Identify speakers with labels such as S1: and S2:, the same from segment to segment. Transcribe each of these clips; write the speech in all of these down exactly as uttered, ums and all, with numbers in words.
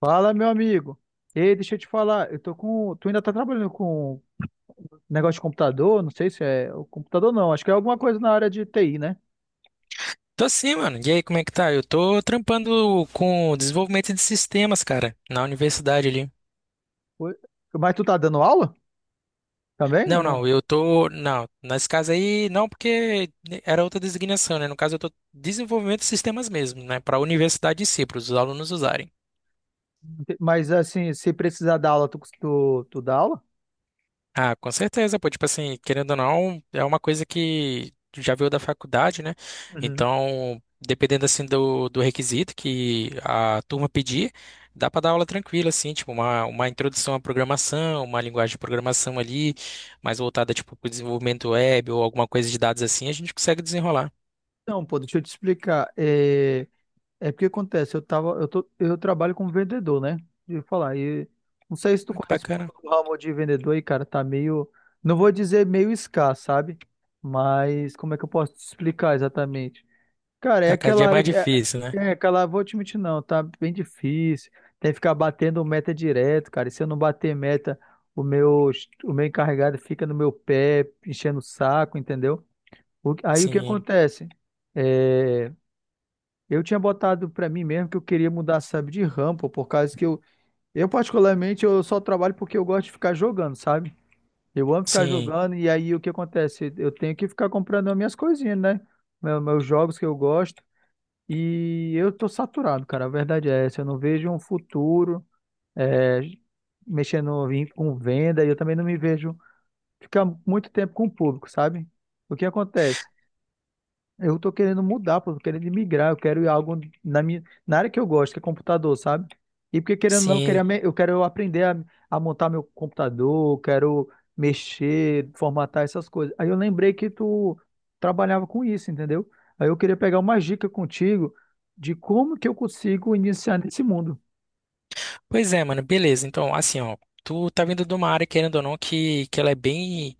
S1: Fala, meu amigo. Ei, deixa eu te falar, eu tô com, tu ainda tá trabalhando com negócio de computador? Não sei se é o computador não, acho que é alguma coisa na área de T I, né?
S2: Tô sim, mano. E aí, como é que tá? Eu tô trampando com desenvolvimento de sistemas, cara, na universidade ali.
S1: Oi? Mas tu tá dando aula também ou
S2: Não,
S1: não?
S2: não, eu tô. Não, nesse caso aí, não, porque era outra designação, né? No caso, eu tô desenvolvimento de sistemas mesmo, né? Pra universidade em si, para os alunos usarem.
S1: Mas assim, se precisar dar aula, tu, tu, tu dá aula?
S2: Ah, com certeza, pô. Tipo assim, querendo ou não, é uma coisa que tu já veio da faculdade, né?
S1: Uhum.
S2: Então, dependendo assim do, do requisito que a turma pedir, dá pra dar aula tranquila, assim, tipo, uma, uma introdução à programação, uma linguagem de programação ali, mais voltada, tipo, pro desenvolvimento web ou alguma coisa de dados assim, a gente consegue desenrolar.
S1: Não, pô, deixa eu te explicar. É, É porque acontece, eu tava, eu tô, eu trabalho como vendedor, né? De falar, e não sei se tu
S2: Ah, que
S1: conhece um pouco
S2: bacana.
S1: do ramo de vendedor aí, cara, tá meio, não vou dizer meio escasso, sabe? Mas como é que eu posso te explicar exatamente? Cara, é
S2: Tá, cada
S1: aquela
S2: dia é
S1: área
S2: mais
S1: que é,
S2: difícil, né?
S1: é aquela, vou te mentir não, tá bem difícil. Tem que ficar batendo meta direto, cara. E se eu não bater meta, o meu, o meu encarregado fica no meu pé, enchendo o saco, entendeu? O- aí o que
S2: Sim,
S1: acontece? É, eu tinha botado pra mim mesmo que eu queria mudar, sabe, de rampa, por causa que eu, eu particularmente, eu só trabalho porque eu gosto de ficar jogando, sabe? Eu amo ficar
S2: sim,
S1: jogando e aí o que acontece? Eu tenho que ficar comprando as minhas coisinhas, né? Meu- Meus jogos que eu gosto e eu tô saturado, cara. A verdade é essa. Eu não vejo um futuro é, mexendo em- com venda e eu também não me vejo ficar muito tempo com o público, sabe? O que acontece? Eu tô querendo mudar, pô, tô querendo migrar, eu quero ir algo na minha, na área que eu gosto, que é computador, sabe? E porque querendo ou não, eu
S2: sim.
S1: queria me- eu quero aprender a, a montar meu computador, eu quero mexer, formatar essas coisas. Aí eu lembrei que tu trabalhava com isso, entendeu? Aí eu queria pegar uma dica contigo de como que eu consigo iniciar nesse mundo.
S2: Pois é, mano, beleza. Então, assim, ó. Tu tá vindo de uma área, querendo ou não, que, que ela é bem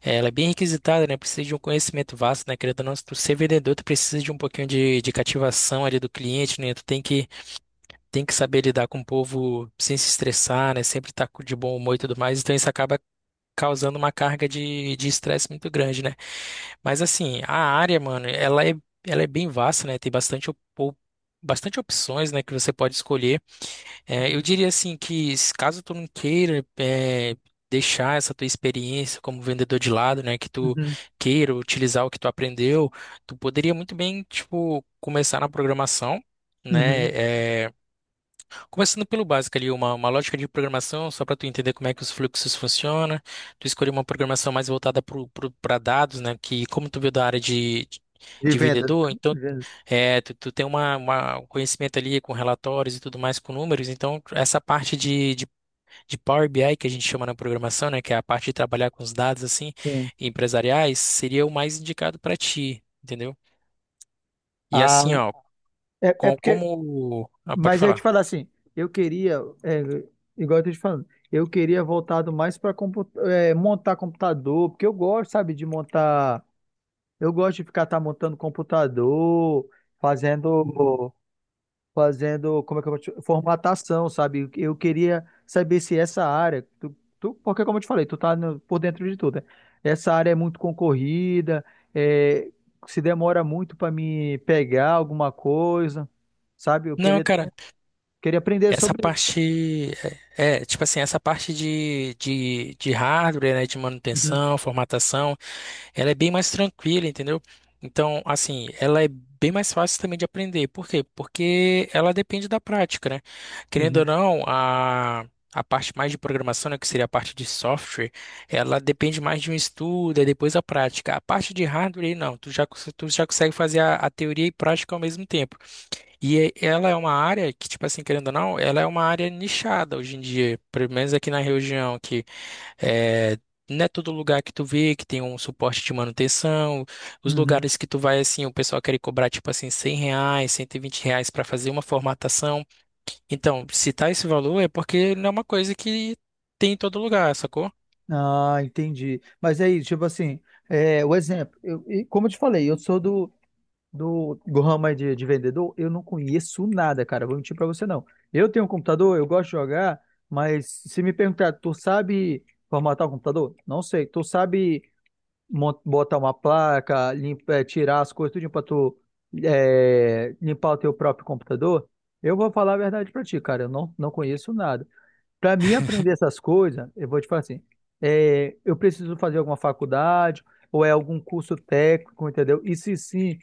S2: É, Ela é bem requisitada, né? Precisa de um conhecimento vasto, né? Querendo ou não, se tu ser vendedor, tu precisa de um pouquinho de, de cativação ali do cliente, né? Tu tem que, tem que saber lidar com o povo sem se estressar, né? Sempre estar de bom humor e tudo mais. Então isso acaba causando uma carga de de estresse muito grande, né? Mas assim, a área, mano, ela é, ela é bem vasta, né? Tem bastante, op- op- bastante opções, né? Que você pode escolher. É, eu diria assim que se caso tu não queira é, deixar essa tua experiência como vendedor de lado, né, que tu
S1: Uhum,
S2: queira utilizar o que tu aprendeu, tu poderia muito bem, tipo, começar na programação,
S1: uhum.
S2: né? é, Começando pelo básico ali, uma, uma lógica de programação, só para tu entender como é que os fluxos funcionam, tu escolher uma programação mais voltada para dados, né? Que como tu veio da área de,
S1: De
S2: de
S1: vendas.
S2: vendedor, então
S1: Vendas.
S2: é, tu, tu tem uma, uma- um conhecimento ali com relatórios e tudo mais, com números, então essa parte de, de, de Power B I que a gente chama na programação, né? Que é a parte de trabalhar com os dados assim,
S1: Sim.
S2: empresariais, seria o mais indicado para ti, entendeu? E assim,
S1: Ah,
S2: ó,
S1: É, é
S2: com,
S1: porque
S2: como... Ah, pode
S1: Mas eu ia te
S2: falar.
S1: falar assim, eu queria, é, igual eu tô te falando, eu queria voltado mais para montar computador, porque eu gosto, sabe, de montar, eu gosto de ficar tá montando computador, fazendo, fazendo, como é que eu vou te, formatação, sabe? Eu queria saber se essa área, tu, tu- porque como eu te falei, tu tá no- por dentro de tudo, né? Essa área é muito concorrida, é, se demora muito para me pegar alguma coisa, sabe? Eu
S2: Não,
S1: queria ter.
S2: cara.
S1: Queria aprender
S2: Essa
S1: sobre isso, cara.
S2: parte, é, é, tipo assim, essa parte de, de, de hardware, né, de
S1: Uhum,
S2: manutenção, formatação, ela é bem mais tranquila, entendeu? Então, assim, ela é bem mais fácil também de aprender. Por quê? Porque ela depende da prática, né? Querendo ou
S1: uhum,
S2: não, a, a parte mais de programação, né, que seria a parte de software, ela depende mais de um estudo, e depois a prática. A parte de hardware, não, tu já, cons- tu já consegue fazer a, a teoria e prática ao mesmo tempo. E é- ela é uma área que, tipo assim, querendo ou não, ela é uma área nichada hoje em dia, pelo menos aqui na região, que é, não é todo lugar que tu vê que tem um suporte de manutenção. Os
S1: uhum.
S2: lugares que tu vai, assim, o pessoal quer cobrar, tipo assim, cem reais, cento e vinte reais para fazer uma formatação. Então, se tá esse valor é porque não é uma coisa que tem em todo lugar, sacou?
S1: Ah, entendi. Mas aí, tipo assim, é, o exemplo, eu, e como eu te falei, eu sou do, do, do ramo aí de, de vendedor, eu não conheço nada, cara, vou mentir pra você não. Eu tenho um computador, eu gosto de jogar, mas se me perguntar, tu sabe formatar o computador? Não sei. Tu sabe mon- botar uma placa, limpa, é, tirar as coisas, tudo pra tu é, limpar o teu próprio computador? Eu vou falar a verdade pra ti, cara, eu não, não conheço nada. Para mim aprender essas coisas, eu vou te falar assim, é, eu preciso fazer alguma faculdade ou é algum curso técnico, entendeu? E se sim,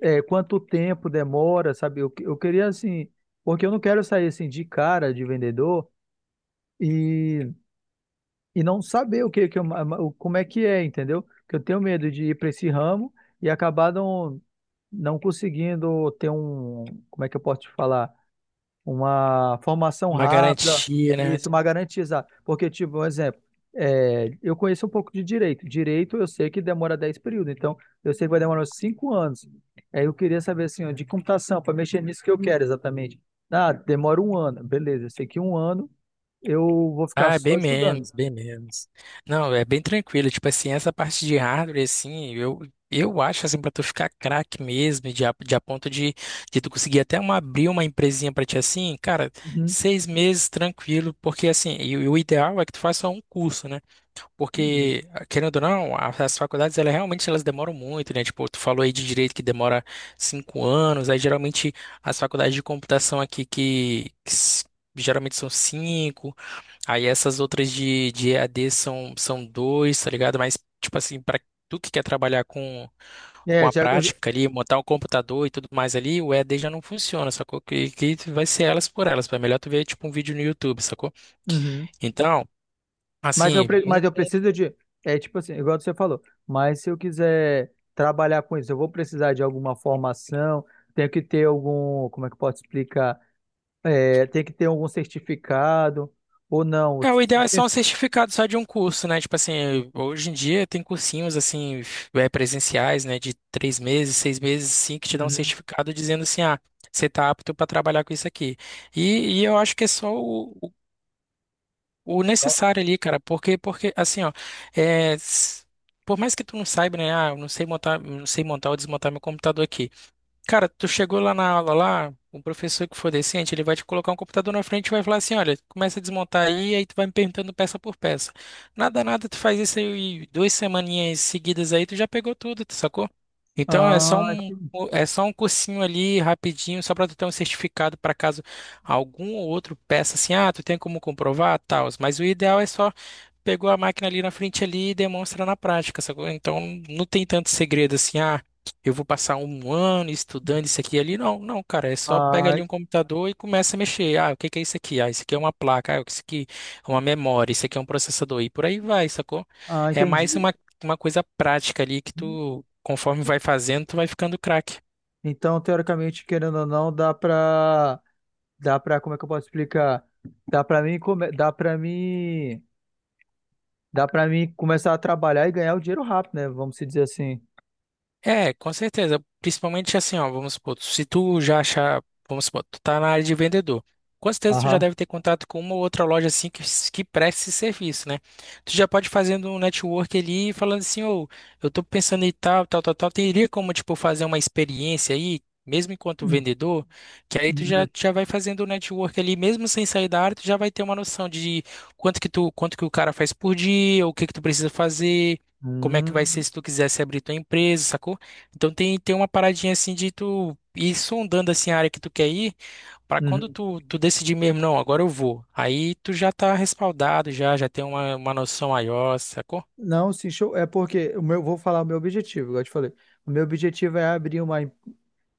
S1: é, quanto tempo demora, sabe? Eu, eu queria assim, porque eu não quero sair assim de cara de vendedor e, e não saber o que, que eu, o- como é que é, entendeu? Porque eu tenho medo de ir para esse ramo e acabar não, não conseguindo ter um, como é que eu posso te falar? Uma formação
S2: Uma
S1: rápida,
S2: garantia, né?
S1: isso, uma garantizada. Porque, tipo, um exemplo, é, eu conheço um pouco de direito. Direito eu sei que demora dez períodos, então eu sei que vai demorar uns cinco anos. Aí eu queria saber, assim, ó, de computação, para mexer nisso que eu quero exatamente. Ah, demora um ano, beleza, eu sei que um ano eu vou ficar
S2: Ah, é
S1: só
S2: bem
S1: estudando.
S2: menos, bem menos. Não, é bem tranquilo. Tipo assim, essa parte de hardware, assim, eu, eu acho assim, pra tu ficar craque mesmo, e de, a- de a ponto de, de tu conseguir até uma, abrir uma empresinha pra ti assim, cara,
S1: Uhum,
S2: seis meses tranquilo, porque assim, e, o e o ideal é que tu faça um curso, né?
S1: uhum.
S2: Porque, querendo ou não, a- as faculdades, elas realmente elas demoram muito, né? Tipo, tu falou aí de direito que demora cinco anos, aí geralmente as faculdades de computação aqui que que s- geralmente são cinco. Aí essas outras de, de E A D são, são dois, tá ligado? Mas, tipo assim, para tu que quer trabalhar com, com
S1: É,
S2: a
S1: já, eu, já-
S2: prática ali, montar um computador e tudo mais ali, o E A D já não funciona, sacou? Que, que vai ser elas por elas. É melhor tu ver, tipo, um vídeo no YouTube, sacou?
S1: uhum.
S2: Então,
S1: Mas eu,
S2: assim,
S1: pre-
S2: um,
S1: mas eu preciso de. É tipo assim, igual você falou. Mas se eu quiser trabalhar com isso, eu vou precisar de alguma formação, tenho que ter algum. Como é que eu posso explicar? É, tem que ter algum certificado ou não?
S2: É, o ideal é só um certificado só de um curso, né? Tipo assim, hoje em dia tem cursinhos assim, é, presenciais, né? De três meses, seis meses, sim, que te dão um
S1: Uhum.
S2: certificado dizendo assim, ah, você tá apto para trabalhar com isso aqui. E, e eu acho que é só o, o o
S1: Só-
S2: necessário ali, cara, porque, porque assim, ó, é, s- por mais que tu não saiba, né? Ah, eu não sei montar, eu não sei montar ou desmontar meu computador aqui. Cara, tu chegou lá na aula lá, o professor que for decente, ele vai te colocar um computador na frente e vai falar assim, olha, começa a desmontar aí, aí tu vai me perguntando peça por peça. Nada, nada, tu faz isso aí duas semaninhas seguidas aí, tu já pegou tudo, tu sacou? Então é só
S1: Ah,
S2: um,
S1: entendi.
S2: é só um cursinho ali rapidinho, só para tu ter um certificado para caso algum ou outro peça assim, ah, tu tem como comprovar, tal. Mas o ideal é só pegou a máquina ali na frente ali e demonstra na prática, sacou? Então não tem tanto segredo assim, ah, eu vou passar um ano estudando isso aqui e ali. Não, não, cara, é só pega
S1: Ah,
S2: ali um computador e começa a mexer. Ah, o que que é isso aqui? Ah, isso aqui é uma placa, ah, isso aqui é uma memória, isso aqui é um processador e por aí vai, sacou?
S1: ah,
S2: É mais
S1: entendi.
S2: uma, uma coisa prática ali que tu, conforme vai fazendo, tu vai ficando craque.
S1: Então, teoricamente, querendo ou não, dá pra. Dá pra. Como é que eu posso explicar? Dá pra mim. come- Dá pra mim. Dá pra mim começar a trabalhar e ganhar o dinheiro rápido, né? Vamos se dizer assim.
S2: É, com certeza. Principalmente assim, ó, vamos supor, se tu já achar, vamos supor, tu tá na área de vendedor. Com certeza tu já
S1: Aham.
S2: deve ter contato com uma ou outra loja assim que, que presta esse serviço, né? Tu já pode fazendo um network ali e falando assim, ô, eu tô pensando em tal, tal, tal, tal. Teria como, tipo, fazer uma experiência aí, mesmo enquanto
S1: Uhum.
S2: vendedor, que aí tu já, já vai fazendo o network ali, mesmo sem sair da área, tu já vai ter uma noção de quanto que tu, quanto que o cara faz por dia, o que que tu precisa fazer, como é que vai ser
S1: Uhum.
S2: se tu quisesse abrir tua empresa, sacou? Então tem, tem uma paradinha assim de tu ir sondando assim a área que tu quer ir, para quando
S1: Uhum.
S2: tu, tu decidir mesmo, não, agora eu vou. Aí tu já tá respaldado, já já tem uma, uma noção maior, sacou?
S1: Não, sim, show. É porque o meu, vou falar o meu objetivo, igual eu te falei. O meu objetivo é abrir uma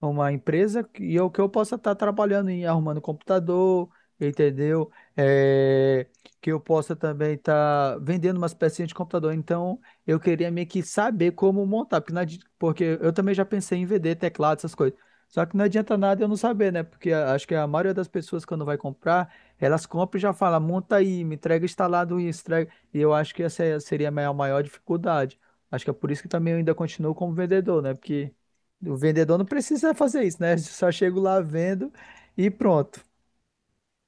S1: uma empresa que- e eu que eu possa estar trabalhando em arrumando computador, entendeu? É, que eu possa também estar vendendo umas pecinhas de computador. Então, eu queria meio que saber como montar, porque, não adi- porque eu também já pensei em vender teclado, essas coisas. Só que não adianta nada eu não saber, né? Porque a- acho que a maioria das pessoas quando vai comprar, elas compram e já fala, monta aí, me entrega instalado isso, entrega. E eu acho que essa é- seria a minha maior dificuldade. Acho que é por isso que também eu ainda continuo como vendedor, né? Porque o vendedor não precisa fazer isso, né? Só chego lá, vendo e pronto.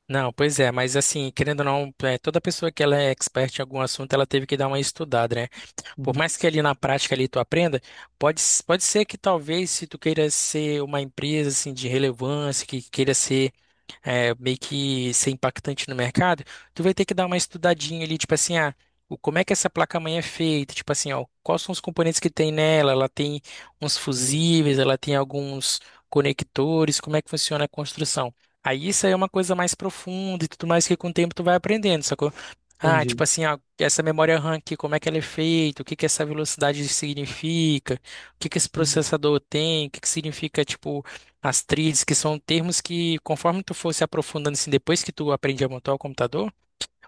S2: Não, pois é, mas assim, querendo ou não, é, toda pessoa que ela é expert em algum assunto, ela teve que dar uma estudada, né? Por
S1: Uhum.
S2: mais que ali na prática ali tu aprenda, pode, s- pode ser que talvez se tu queira ser uma empresa assim de relevância, que queira ser é, meio que ser impactante no mercado, tu vai ter que dar uma estudadinha ali, tipo assim, ah, o, como é que essa placa-mãe é feita, tipo assim, ó, quais são os componentes que tem nela, ela tem uns fusíveis, ela tem alguns conectores, como é que funciona a construção. Aí isso aí é uma coisa mais profunda e tudo mais que com o tempo tu vai aprendendo, sacou? Ah,
S1: Entendi.
S2: tipo assim, ah, essa memória RAM aqui, como é que ela é feita, o que que essa velocidade significa, o que que esse processador tem, o que que significa, tipo, as Atriz, que são termos que, conforme tu for se aprofundando assim, depois que tu aprende a montar o computador,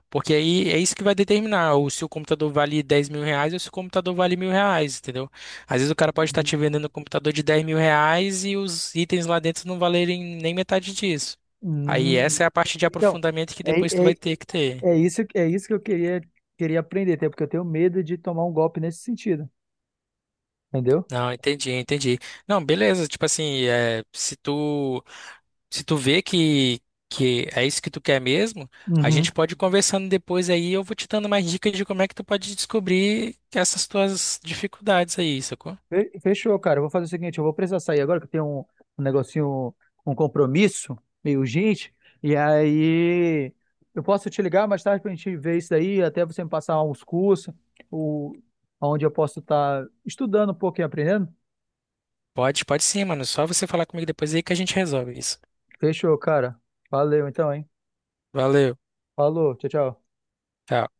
S2: porque aí é isso que vai determinar o se o computador vale dez mil reais ou se o computador vale mil reais, entendeu? Às vezes o cara pode estar te vendendo um computador de dez mil reais e os itens lá dentro não valerem nem metade disso. Aí
S1: Hum.
S2: essa é a parte de
S1: Então,
S2: aprofundamento que
S1: é,
S2: depois tu
S1: é,
S2: vai ter que ter.
S1: é isso, é isso que eu queria, queria aprender, até porque eu tenho medo de tomar um golpe nesse sentido, entendeu?
S2: Não, entendi, entendi. Não, beleza, tipo assim, é, se tu se tu vê que, que é isso que tu quer mesmo, a
S1: Uhum.
S2: gente pode ir conversando depois aí, eu vou te dando mais dicas de como é que tu pode descobrir essas tuas dificuldades aí, sacou?
S1: Fe- Fechou, cara. Eu vou fazer o seguinte, eu vou precisar sair agora, que eu tenho um, um negocinho, um compromisso meio urgente. E aí eu posso te ligar mais tarde pra gente ver isso aí, até você me passar uns cursos, o, onde eu posso estar estudando um pouco e aprendendo.
S2: Pode, pode sim, mano. Só você falar comigo depois aí que a gente resolve isso.
S1: Fechou, cara. Valeu então, hein?
S2: Valeu.
S1: Falou, tchau, tchau.
S2: Tchau.